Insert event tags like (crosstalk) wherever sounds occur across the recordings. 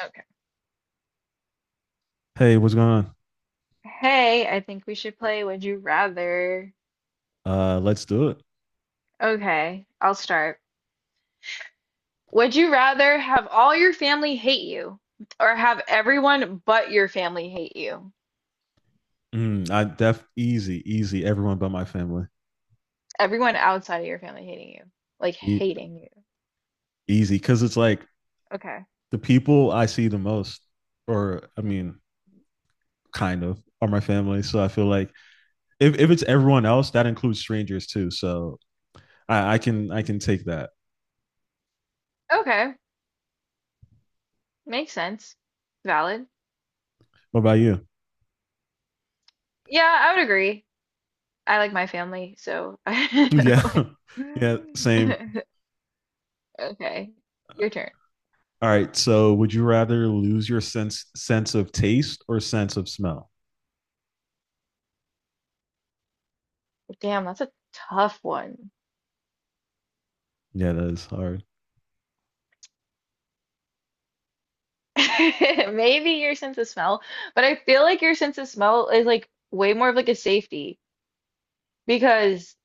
Okay. Hey, what's going on? Hey, I think we should play Would You Rather. Let's do it. Okay, I'll start. Would you rather have all your family hate you or have everyone but your family hate you? Mm, I def easy, easy. Everyone but my family. Everyone outside of your family hating you. Like E- hating you. Easy, because it's like Okay. the people I see the most, or I mean, kind of, are my family. So I feel like if it's everyone else, that includes strangers too. So I can take that. Okay. Makes sense. Valid. What about you? Yeah, I would agree. I like my family, so (laughs) (laughs) I Yeah, like (laughs) yeah, same. (laughs) okay. Your turn. All right. So would you rather lose your sense of taste or sense of smell? Damn, that's a tough one. Yeah, that is hard. (laughs) Maybe your sense of smell, but I feel like your sense of smell is like way more of like a safety because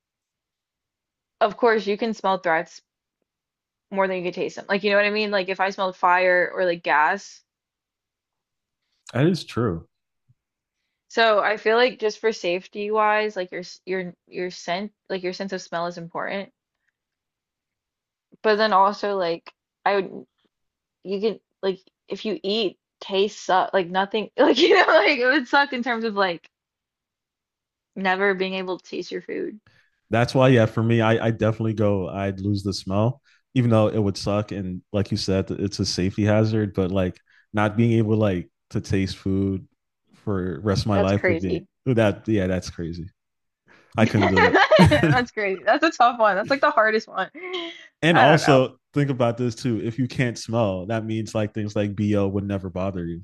of course you can smell threats more than you can taste them. Like, you know what I mean? Like if I smelled fire or like gas. That is true. So I feel like just for safety wise, like your your scent, like your sense of smell is important. But then also like I would you can like if you eat, taste suck like nothing (laughs) like, like it would suck in terms of like never being able to taste your food. That's why, yeah, for me, I definitely go, I'd lose the smell, even though it would suck. And like you said, it's a safety hazard, but like not being able like to taste food for the rest of my That's life would be crazy. that yeah, that's crazy. I couldn't do (laughs) it. That's crazy. That's a tough one. That's like the hardest one. (laughs) And I don't know. also think about this too. If you can't smell, that means like things like BO would never bother you.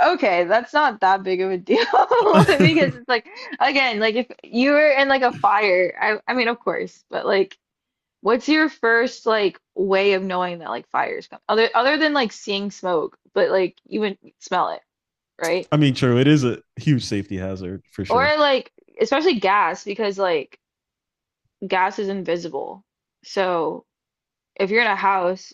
Okay, that's not that big of a deal (laughs) (laughs) because it's like again, like if you were in like a fire, I mean of course, but like what's your first like way of knowing that like fire's coming? Other than like seeing smoke, but like you would smell it, right? I mean, true, it is a huge safety hazard for sure. Or like especially gas because like gas is invisible. So if you're in a house,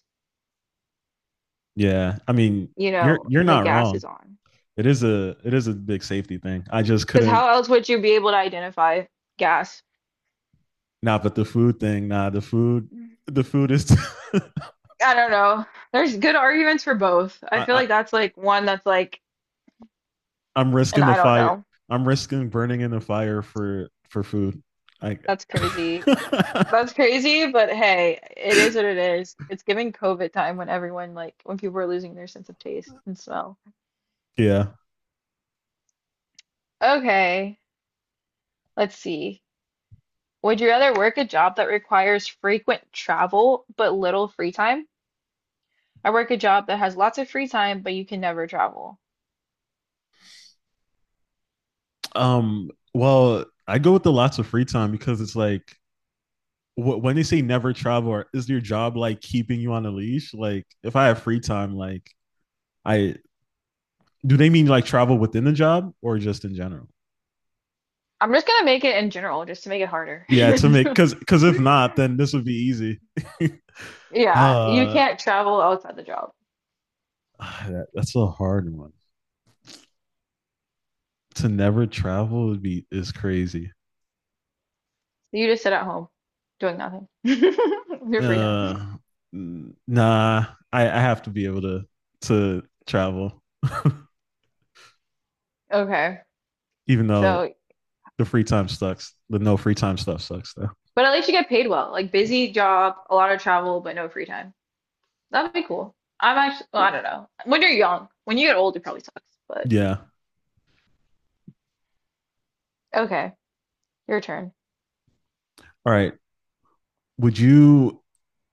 Yeah. I mean, you know, you're and the not gas wrong. is on. It is a big safety thing. I just Because couldn't how else would you be able to identify gas? nah, but the food thing, nah, the food is. (laughs) I don't know. There's good arguments for both. I I, feel I, like that's like one that's like, I'm and risking the I don't fire. know. I'm risking burning in the fire for food. I. That's crazy. (laughs) That's crazy, but hey, it is what it is. It's giving COVID time when everyone like when people are losing their sense of taste and smell. yeah. Okay, let's see. Would you rather work a job that requires frequent travel but little free time? I work a job that has lots of free time, but you can never travel. Well, I go with the lots of free time because it's like when they say never travel, is your job like keeping you on a leash? Like, if I have free time, like I do, they mean like travel within the job or just in general? I'm just gonna make it in general just to make it harder. Yeah, to make (laughs) because if not, then this would be easy. (laughs) Yeah, you uh can't travel outside the job. That's a hard one. To never travel would be is crazy. You just sit at home doing nothing. (laughs) Your free time. Uh, nah, I have to be able to travel, Okay. even though So, the free time sucks. The no free time stuff sucks though. but at least you get paid well. Like busy job, a lot of travel, but no free time. That'd be cool. I'm actually, well, I don't know. When you're young, when you get old, it probably sucks, but Yeah. okay. Your turn. All right. Would you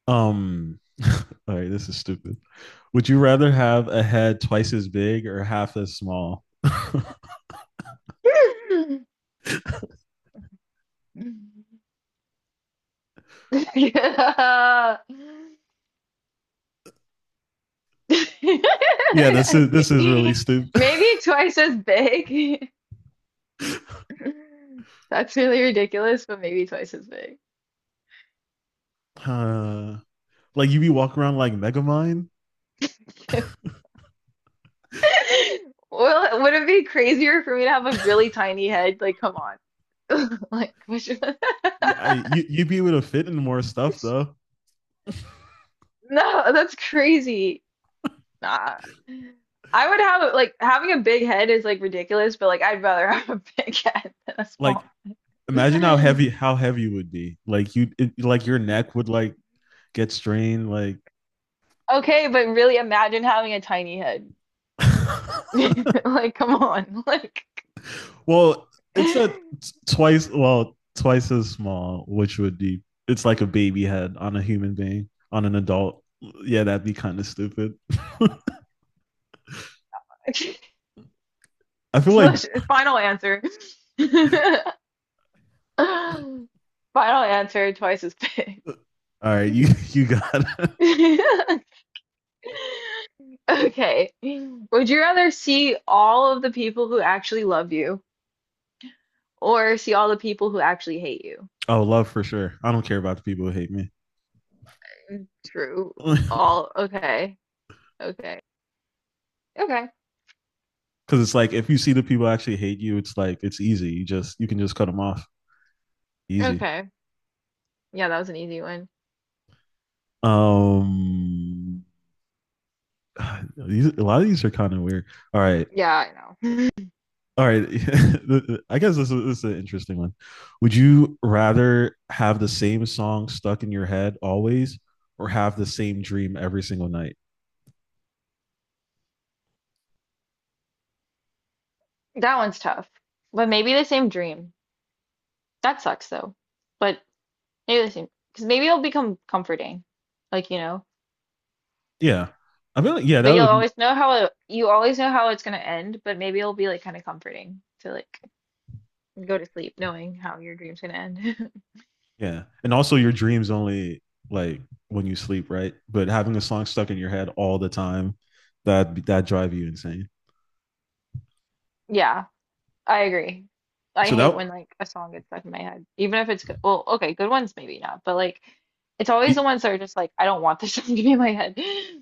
um? (laughs) All right. This is stupid. Would you rather have a head twice as big or half as small? (laughs) (laughs) Yeah. Yeah. (laughs) This is really stupid. (laughs) Maybe twice as big. (laughs) (laughs) That's really ridiculous, but maybe twice as big. Uh, like you be walking around like Megamind. (laughs) Well, would it be crazier for me to have a really tiny head? Like, come on. (laughs) Like, which... (laughs) Yeah, you you'd be able to fit in more stuff though. No, that's crazy. Nah. I would have like having a big head is like ridiculous, but like I'd rather have a (laughs) big head than a Like small. imagine One. How heavy you would be. Like you it, like your neck would like get strained. Like (laughs) Okay, but really imagine having a tiny head. (laughs) (laughs) Like, come on. Like, well, it's a (laughs) twice as small, which would be it's like a baby head on a human being on an adult. Yeah, that'd be kind of stupid. I feel like (laughs) final answer. (laughs) (laughs) all Final answer, twice as big. right, you (laughs) you got it. (laughs) Okay. Would you rather see all of the people who actually love you or see all the people who actually hate you? Oh love for sure. I don't care about the people who hate me. Mm, true. (laughs) Because All. Okay. Okay. Okay. it's like if you see the people actually hate you, it's like it's easy. You can just cut them off. Easy. Okay. Yeah, that was an easy one. Um, (sighs) these, a lot of these are kind of weird. All right. Yeah, I know. All right. (laughs) I guess this is an interesting one. Would you rather have the same song stuck in your head always or have the same dream every single night? That one's tough. But maybe the same dream. That sucks though. But maybe the same, because maybe it'll become comforting. Like, you know. Yeah. I mean, yeah, that But you'll would, always know how it, you always know how it's gonna end, but maybe it'll be like kind of comforting to like go to sleep knowing how your dream's gonna end. (laughs) yeah. And also, your dreams only like when you sleep, right? But having a song stuck in your head all the time, that drive you insane. Yeah, I agree. I So hate that, when like a song gets stuck in my head, even if it's good. Well, okay, good ones maybe not, but like it's always the ones that are just like I don't want this (laughs) song to be in my head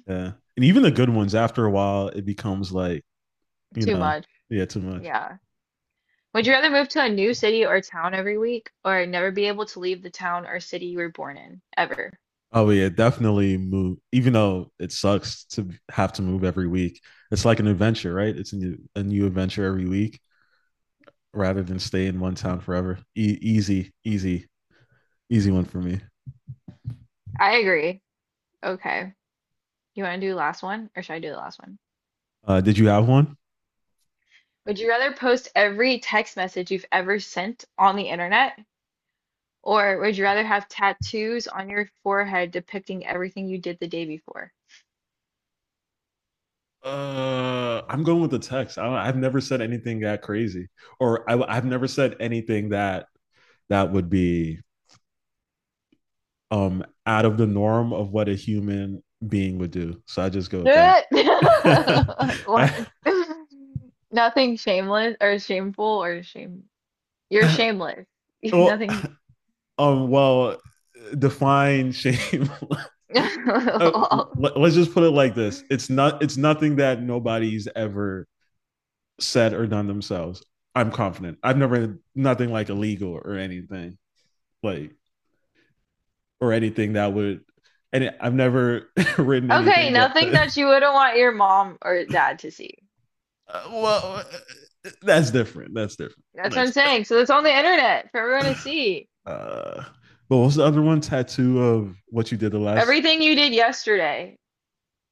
yeah. And even the good ones, after a while, it becomes like, (laughs) you too know, much. yeah, too much. Yeah. Would you rather move to a new city or town every week or never be able to leave the town or city you were born in ever? Oh, yeah, definitely move. Even though it sucks to have to move every week, it's like an adventure, right? It's a new adventure every week rather than stay in one town forever. Easy, easy, easy one for me. I agree. Okay. You want to do the last one or should I do the last one? Did you have one? Would you rather post every text message you've ever sent on the internet, or would you rather have tattoos on your forehead depicting everything you did the day before? (laughs) I'm going with the text. I've never said anything that crazy, or I've never said anything that that would be out of the norm of what a human being would do. So I just go with Like, that. (laughs) what? I, (laughs) Nothing shameless or shameful or shame. You're shameless. (laughs) well, Nothing. Well, define shame. (laughs) (laughs) Let us just put it like this: it's not. It's nothing that nobody's ever said or done themselves. I'm confident. I've never nothing like illegal or anything like or anything that would. And I've never (laughs) written Okay, anything that. nothing that you wouldn't want your mom or dad to see. uh, well, uh, that's different. That's different. That's what That's. I'm saying. So it's on the internet for everyone to see. Uh, but what's the other one? Tattoo of what you did the last Everything you did yesterday.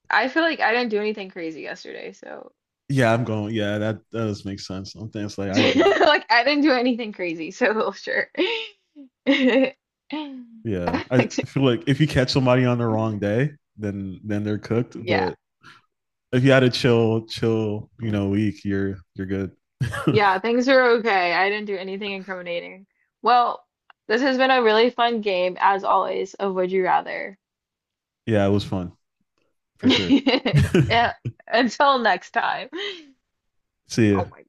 I feel like I didn't do anything crazy yesterday, so yeah, I'm going. Yeah, that does make sense. Something it's like (laughs) I do. like I didn't do anything crazy, so (laughs) sure. (laughs) Yeah, I feel like if you catch somebody on the wrong day, then they're cooked. Yeah. But if you had a chill, you know, week, you're good. (laughs) Yeah, things are okay. I didn't do anything incriminating. Well, this has been a really fun game, as always, of Would You Rather. Yeah, it was fun for sure. (laughs) (laughs) Yeah, until next time. See ya. Oh my